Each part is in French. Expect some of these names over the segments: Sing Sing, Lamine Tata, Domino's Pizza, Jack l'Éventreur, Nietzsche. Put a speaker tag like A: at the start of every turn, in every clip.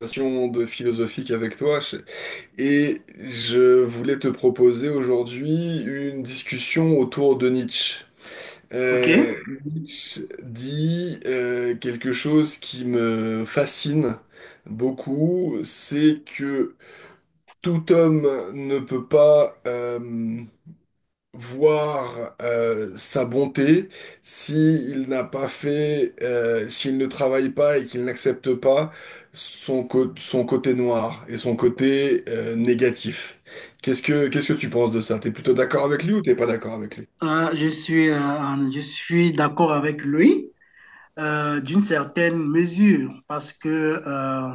A: Conversation de philosophique avec toi et je voulais te proposer aujourd'hui une discussion autour de Nietzsche.
B: OK.
A: Euh, Nietzsche dit quelque chose qui me fascine beaucoup, c'est que tout homme ne peut pas voir sa bonté, si il n'a pas fait, s'il ne travaille pas et qu'il n'accepte pas son, son côté noir et son côté négatif. Qu'est-ce que tu penses de ça? T'es plutôt d'accord avec lui ou t'es pas d'accord avec lui?
B: Je suis d'accord avec lui d'une certaine mesure parce que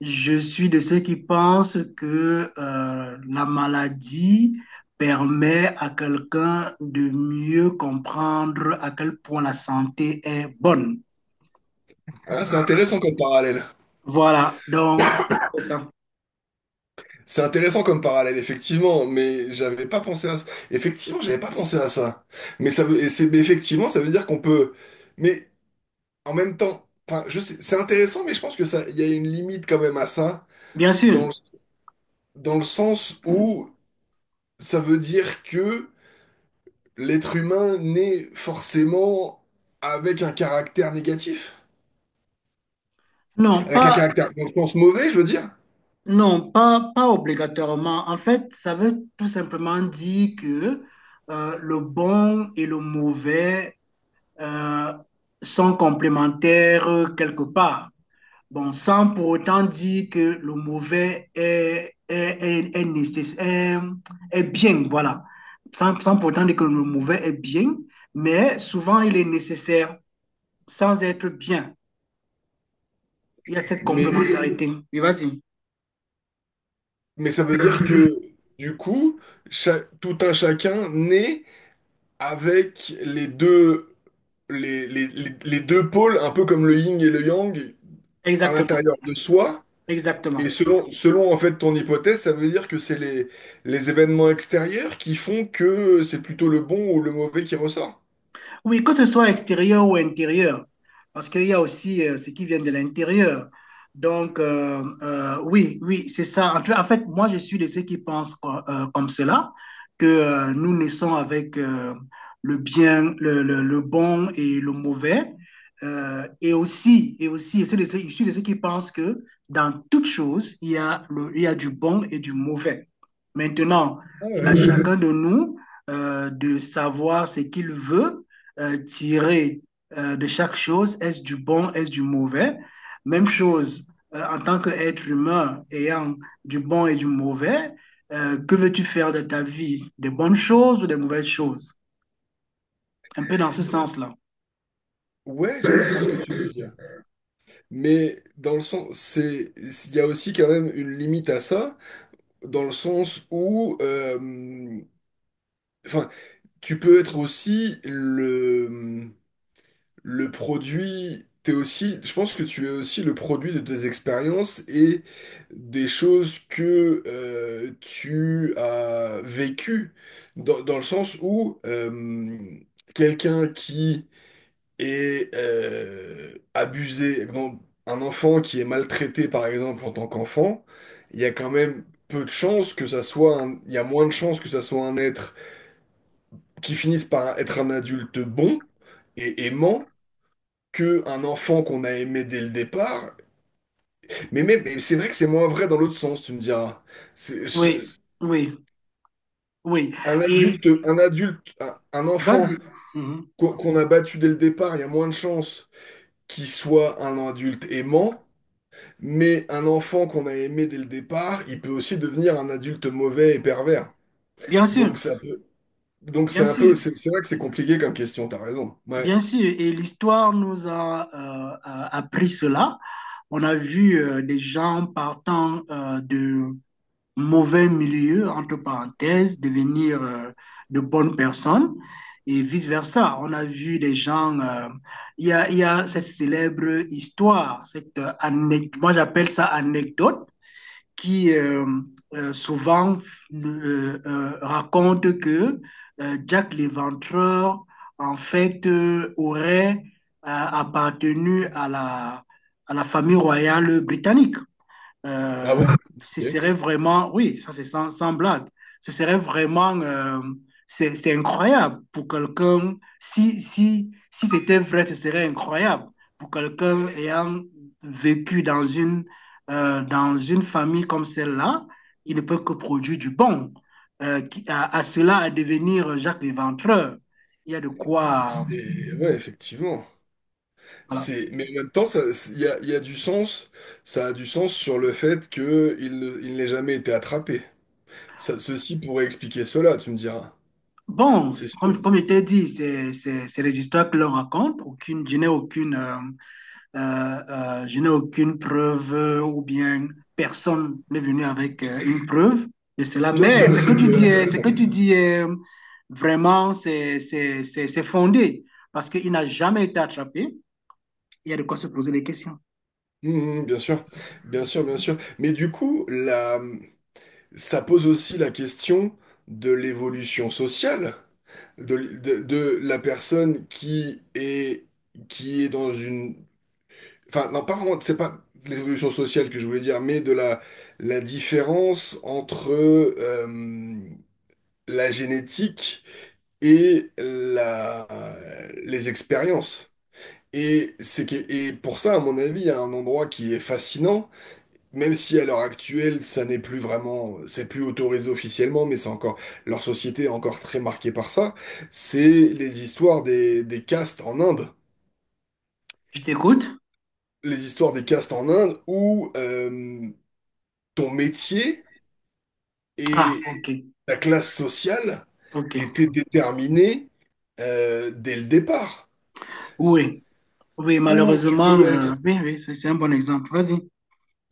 B: je suis de ceux qui pensent que la maladie permet à quelqu'un de mieux comprendre à quel point la santé est bonne.
A: Ah, c'est intéressant comme parallèle.
B: Voilà, donc c'est ça.
A: C'est intéressant comme parallèle, effectivement, mais j'avais pas pensé à ça. Effectivement, j'avais pas pensé à ça. Mais ça veut, et c'est, mais effectivement, ça veut dire qu'on peut. Mais En même temps, enfin, je sais, c'est intéressant, mais je pense que ça, il y a une limite quand même à ça,
B: Bien
A: dans
B: sûr.
A: le, dans le sens où ça veut dire que l'être humain naît forcément avec un caractère négatif,
B: Non,
A: avec un
B: pas,
A: caractère, dans le sens mauvais, je veux dire,
B: Non, pas, pas obligatoirement. En fait, ça veut tout simplement dire que le bon et le mauvais euh, sont complémentaires quelque part. Bon, sans pour autant dire que le mauvais est nécessaire, est bien, voilà. Sans pour autant dire que le mauvais est bien, mais souvent il est nécessaire sans être bien. Il y a cette
A: mais,
B: complémentarité. Oui, vas-y.
A: mais ça veut dire que du coup, tout un chacun naît avec les deux, les deux pôles, un peu comme le yin et le yang, à
B: Exactement,
A: l'intérieur de soi. Et
B: exactement.
A: selon en fait ton hypothèse, ça veut dire que c'est les événements extérieurs qui font que c'est plutôt le bon ou le mauvais qui ressort?
B: Oui, que ce soit extérieur ou intérieur, parce qu'il y a aussi ce qui vient de l'intérieur. Donc, oui, oui, c'est ça. En fait, moi, je suis de ceux qui pensent comme cela, que nous naissons avec le bien, le bon et le mauvais. Et aussi, je suis de ceux qui pensent que dans toute chose, il y a du bon et du mauvais. Maintenant,
A: Ah
B: c'est à
A: ouais.
B: chacun de nous de savoir ce qu'il veut tirer de chaque chose, est-ce du bon, est-ce du mauvais? Même chose, en tant qu'être humain ayant du bon et du mauvais, que veux-tu faire de ta vie? Des bonnes choses ou des mauvaises choses? Un peu dans ce sens-là.
A: Ouais, je comprends ce que tu veux dire. Mais dans le sens, c'est, il y a aussi quand même une limite à ça, dans le sens où, enfin, tu peux être aussi le produit, t'es aussi, je pense que tu es aussi le produit de tes expériences et des choses que tu as vécues, dans le sens où quelqu'un qui est abusé, bon, un enfant qui est maltraité par exemple en tant qu'enfant, il y a quand même peu de chances que ça soit il y a moins de chances que ça soit un être qui finisse par être un adulte bon et aimant que un enfant qu'on a aimé dès le départ. Mais même, mais c'est vrai que c'est moins vrai dans l'autre sens, tu me diras. C'est-
B: Oui,
A: je-
B: oui, oui.
A: un
B: Et
A: adulte, un
B: vas-y.
A: enfant
B: Mhm.
A: qu'on a battu dès le départ, il y a moins de chances qu'il soit un adulte aimant. Mais un enfant qu'on a aimé dès le départ, il peut aussi devenir un adulte mauvais et pervers.
B: Bien sûr,
A: Donc ça peut, donc c'est
B: bien
A: un
B: sûr.
A: peu, c'est vrai que c'est compliqué comme question, t'as raison. Ouais.
B: Bien sûr, et l'histoire nous a appris cela. On a vu des gens partant de mauvais milieu, entre parenthèses, devenir de bonnes personnes et vice-versa. On a vu des gens, il y a cette célèbre histoire, cette anecdote, moi j'appelle ça anecdote, qui souvent raconte que Jack l'Éventreur, en fait, aurait appartenu à la famille royale britannique.
A: Ah
B: Euh,
A: bon?
B: ce
A: Ok.
B: serait vraiment, oui, ça c'est sans blague, ce serait vraiment, c'est incroyable pour quelqu'un, si c'était vrai, ce serait incroyable pour quelqu'un ayant vécu dans une famille comme celle-là, il ne peut que produire du bon. À cela, à devenir Jacques Léventreur, il y a de quoi.
A: C'est, ouais, effectivement.
B: Voilà.
A: C'est, mais en même temps, il y a du sens. Ça a du sens sur le fait que il n'ait jamais été attrapé. Ceci pourrait expliquer cela, tu me diras.
B: Bon,
A: C'est sûr.
B: comme je t'ai dit, c'est les histoires que l'on raconte. Aucune, je n'ai aucune. Euh, je n'ai aucune preuve ou bien personne n'est venu avec une preuve de cela.
A: Bien
B: Mais
A: sûr,
B: ce
A: mais c'est
B: que
A: une
B: tu
A: théorie
B: dis, ce que
A: intéressante.
B: tu dis est vraiment, c'est fondé parce qu'il n'a jamais été attrapé. Il y a de quoi se poser des questions.
A: Bien sûr, bien sûr, bien sûr. Mais du coup, ça pose aussi la question de l'évolution sociale de, de la personne qui est dans une Enfin, non, pas vraiment, c'est pas l'évolution sociale que je voulais dire, mais de la, la différence entre la génétique et la, les expériences. Et, c'est que, et pour ça, à mon avis, il y a un endroit qui est fascinant, même si à l'heure actuelle, ça n'est plus vraiment, c'est plus autorisé officiellement, mais c'est encore, leur société est encore très marquée par ça, c'est les histoires des castes en Inde.
B: Je t'écoute?
A: Les histoires des castes en Inde où, ton métier
B: Ah,
A: et
B: ok,
A: ta classe sociale
B: ok.
A: étaient déterminées dès le départ.
B: Oui, oui,
A: Ou tu peux
B: malheureusement,
A: être,
B: oui, oui, c'est un bon exemple. Vas-y.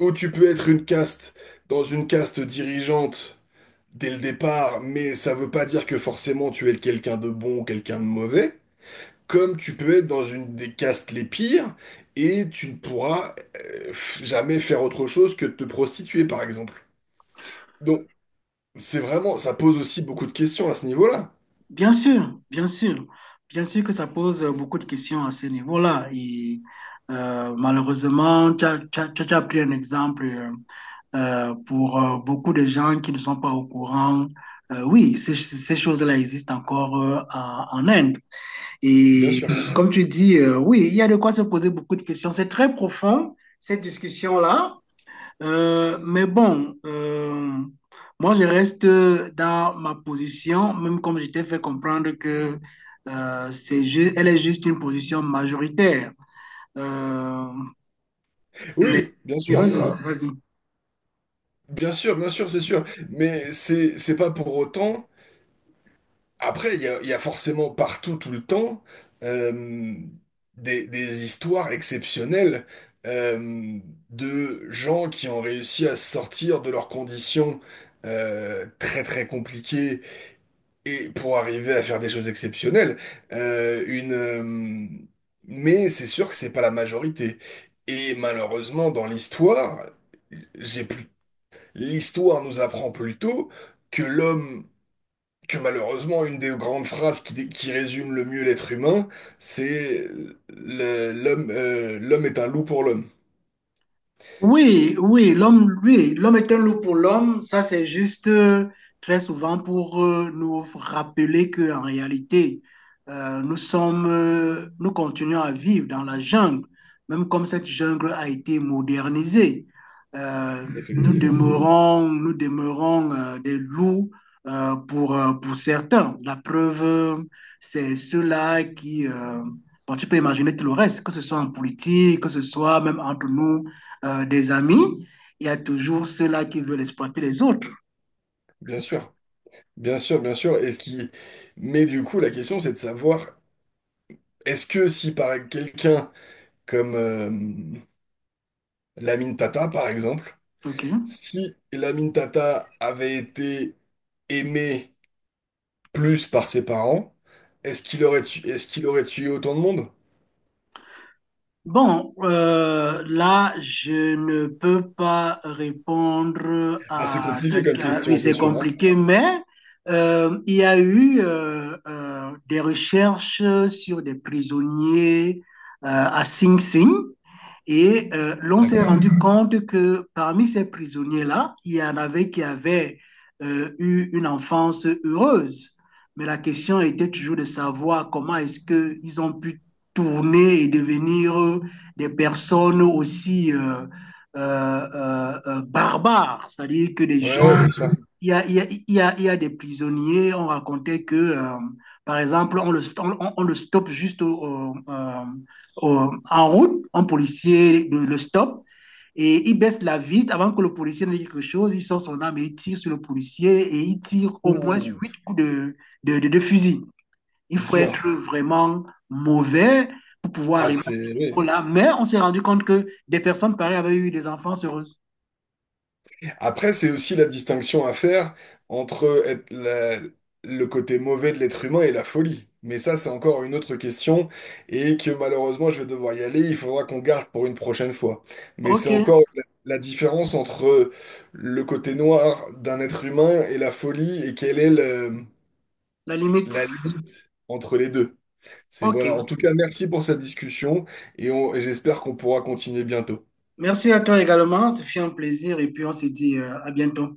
A: ou tu peux être une caste dans une caste dirigeante dès le départ, mais ça veut pas dire que forcément tu es quelqu'un de bon ou quelqu'un de mauvais. Comme tu peux être dans une des castes les pires et tu ne pourras jamais faire autre chose que de te prostituer, par exemple. Donc, c'est vraiment, ça pose aussi beaucoup de questions à ce niveau-là.
B: Bien sûr, bien sûr. Bien sûr que ça pose beaucoup de questions à ce niveau-là. Et malheureusement, tu as pris un exemple pour beaucoup de gens qui ne sont pas au courant. Oui, ces choses-là existent encore en Inde.
A: Bien
B: Et
A: sûr.
B: comme tu dis, oui, il y a de quoi se poser beaucoup de questions. C'est très profond, cette discussion-là. Mais bon, moi je reste dans ma position, même comme je t'ai fait comprendre que elle est juste une position majoritaire. Euh, mais
A: Oui, bien
B: mais
A: sûr,
B: vas-y, vas-y.
A: bien sûr, bien sûr, c'est sûr. Mais c'est pas pour autant. Après, il y a forcément partout, tout le temps, euh, des histoires exceptionnelles euh, de gens qui ont réussi à sortir de leurs conditions très très compliquées et pour arriver à faire des choses exceptionnelles. Euh, une, euh, mais c'est sûr que c'est pas la majorité. Et malheureusement, dans l'histoire, j'ai plus l'histoire nous apprend plutôt que l'homme, que malheureusement, une des grandes phrases qui résume le mieux l'être humain, c'est l'homme, l'homme est un loup pour l'homme.
B: Oui, oui, l'homme est un loup pour l'homme. Ça, c'est juste très souvent pour nous rappeler que en réalité, nous continuons à vivre dans la jungle, même comme cette jungle a été modernisée. Euh, nous
A: Effectivement.
B: demeurons, nous demeurons des loups pour certains. La preuve, c'est ceux-là qui, bon, tu peux imaginer tout le reste, que ce soit en politique, que ce soit même entre nous, des amis, il y a toujours ceux-là qui veulent exploiter les autres.
A: Bien sûr, bien sûr, bien sûr. Et ce qui... Mais du coup, la question, c'est de savoir, est-ce que si par quelqu'un comme Lamine Tata, par exemple,
B: OK.
A: si Lamine Tata avait été aimé plus par ses parents, est-ce qu'il aurait tué autant de monde?
B: Bon, là, je ne peux pas répondre
A: Ah, c'est
B: à
A: compliqué comme
B: ta... Oui,
A: question, c'est
B: c'est
A: sûr, hein.
B: compliqué, mais il y a eu des recherches sur des prisonniers à Sing Sing. Et l'on s'est
A: D'accord.
B: rendu compte que parmi ces prisonniers-là, il y en avait qui avaient eu une enfance heureuse. Mais la question était toujours de savoir comment est-ce qu'ils ont pu tourner et devenir des personnes aussi euh, barbares, c'est-à-dire que des
A: Ouais, ouais,
B: gens
A: bien sûr.
B: il y, a, il, y a, il y a, il y a des prisonniers, on racontait que, par exemple, on le stoppe juste en route, un policier le stoppe et il baisse la vitre avant que le policier ne dise quelque chose. Il sort son arme et il tire sur le policier et il tire au moins
A: Ouh,
B: huit coups de fusil. Il faut
A: dur.
B: être vraiment mauvais pour pouvoir
A: Ah,
B: arriver à
A: c'est...
B: ce
A: oui.
B: niveau-là. Mais on s'est rendu compte que des personnes pareilles avaient eu des enfants heureuses.
A: Après, c'est aussi la distinction à faire entre le côté mauvais de l'être humain et la folie. Mais ça, c'est encore une autre question et que malheureusement, je vais devoir y aller. Il faudra qu'on garde pour une prochaine fois. Mais c'est
B: OK,
A: encore la différence entre le côté noir d'un être humain et la folie et
B: la limite.
A: la limite entre les deux. C'est
B: OK.
A: voilà. En tout cas, merci pour cette discussion et j'espère qu'on pourra continuer bientôt.
B: Merci à toi également. Ce fut un plaisir et puis on se dit à bientôt.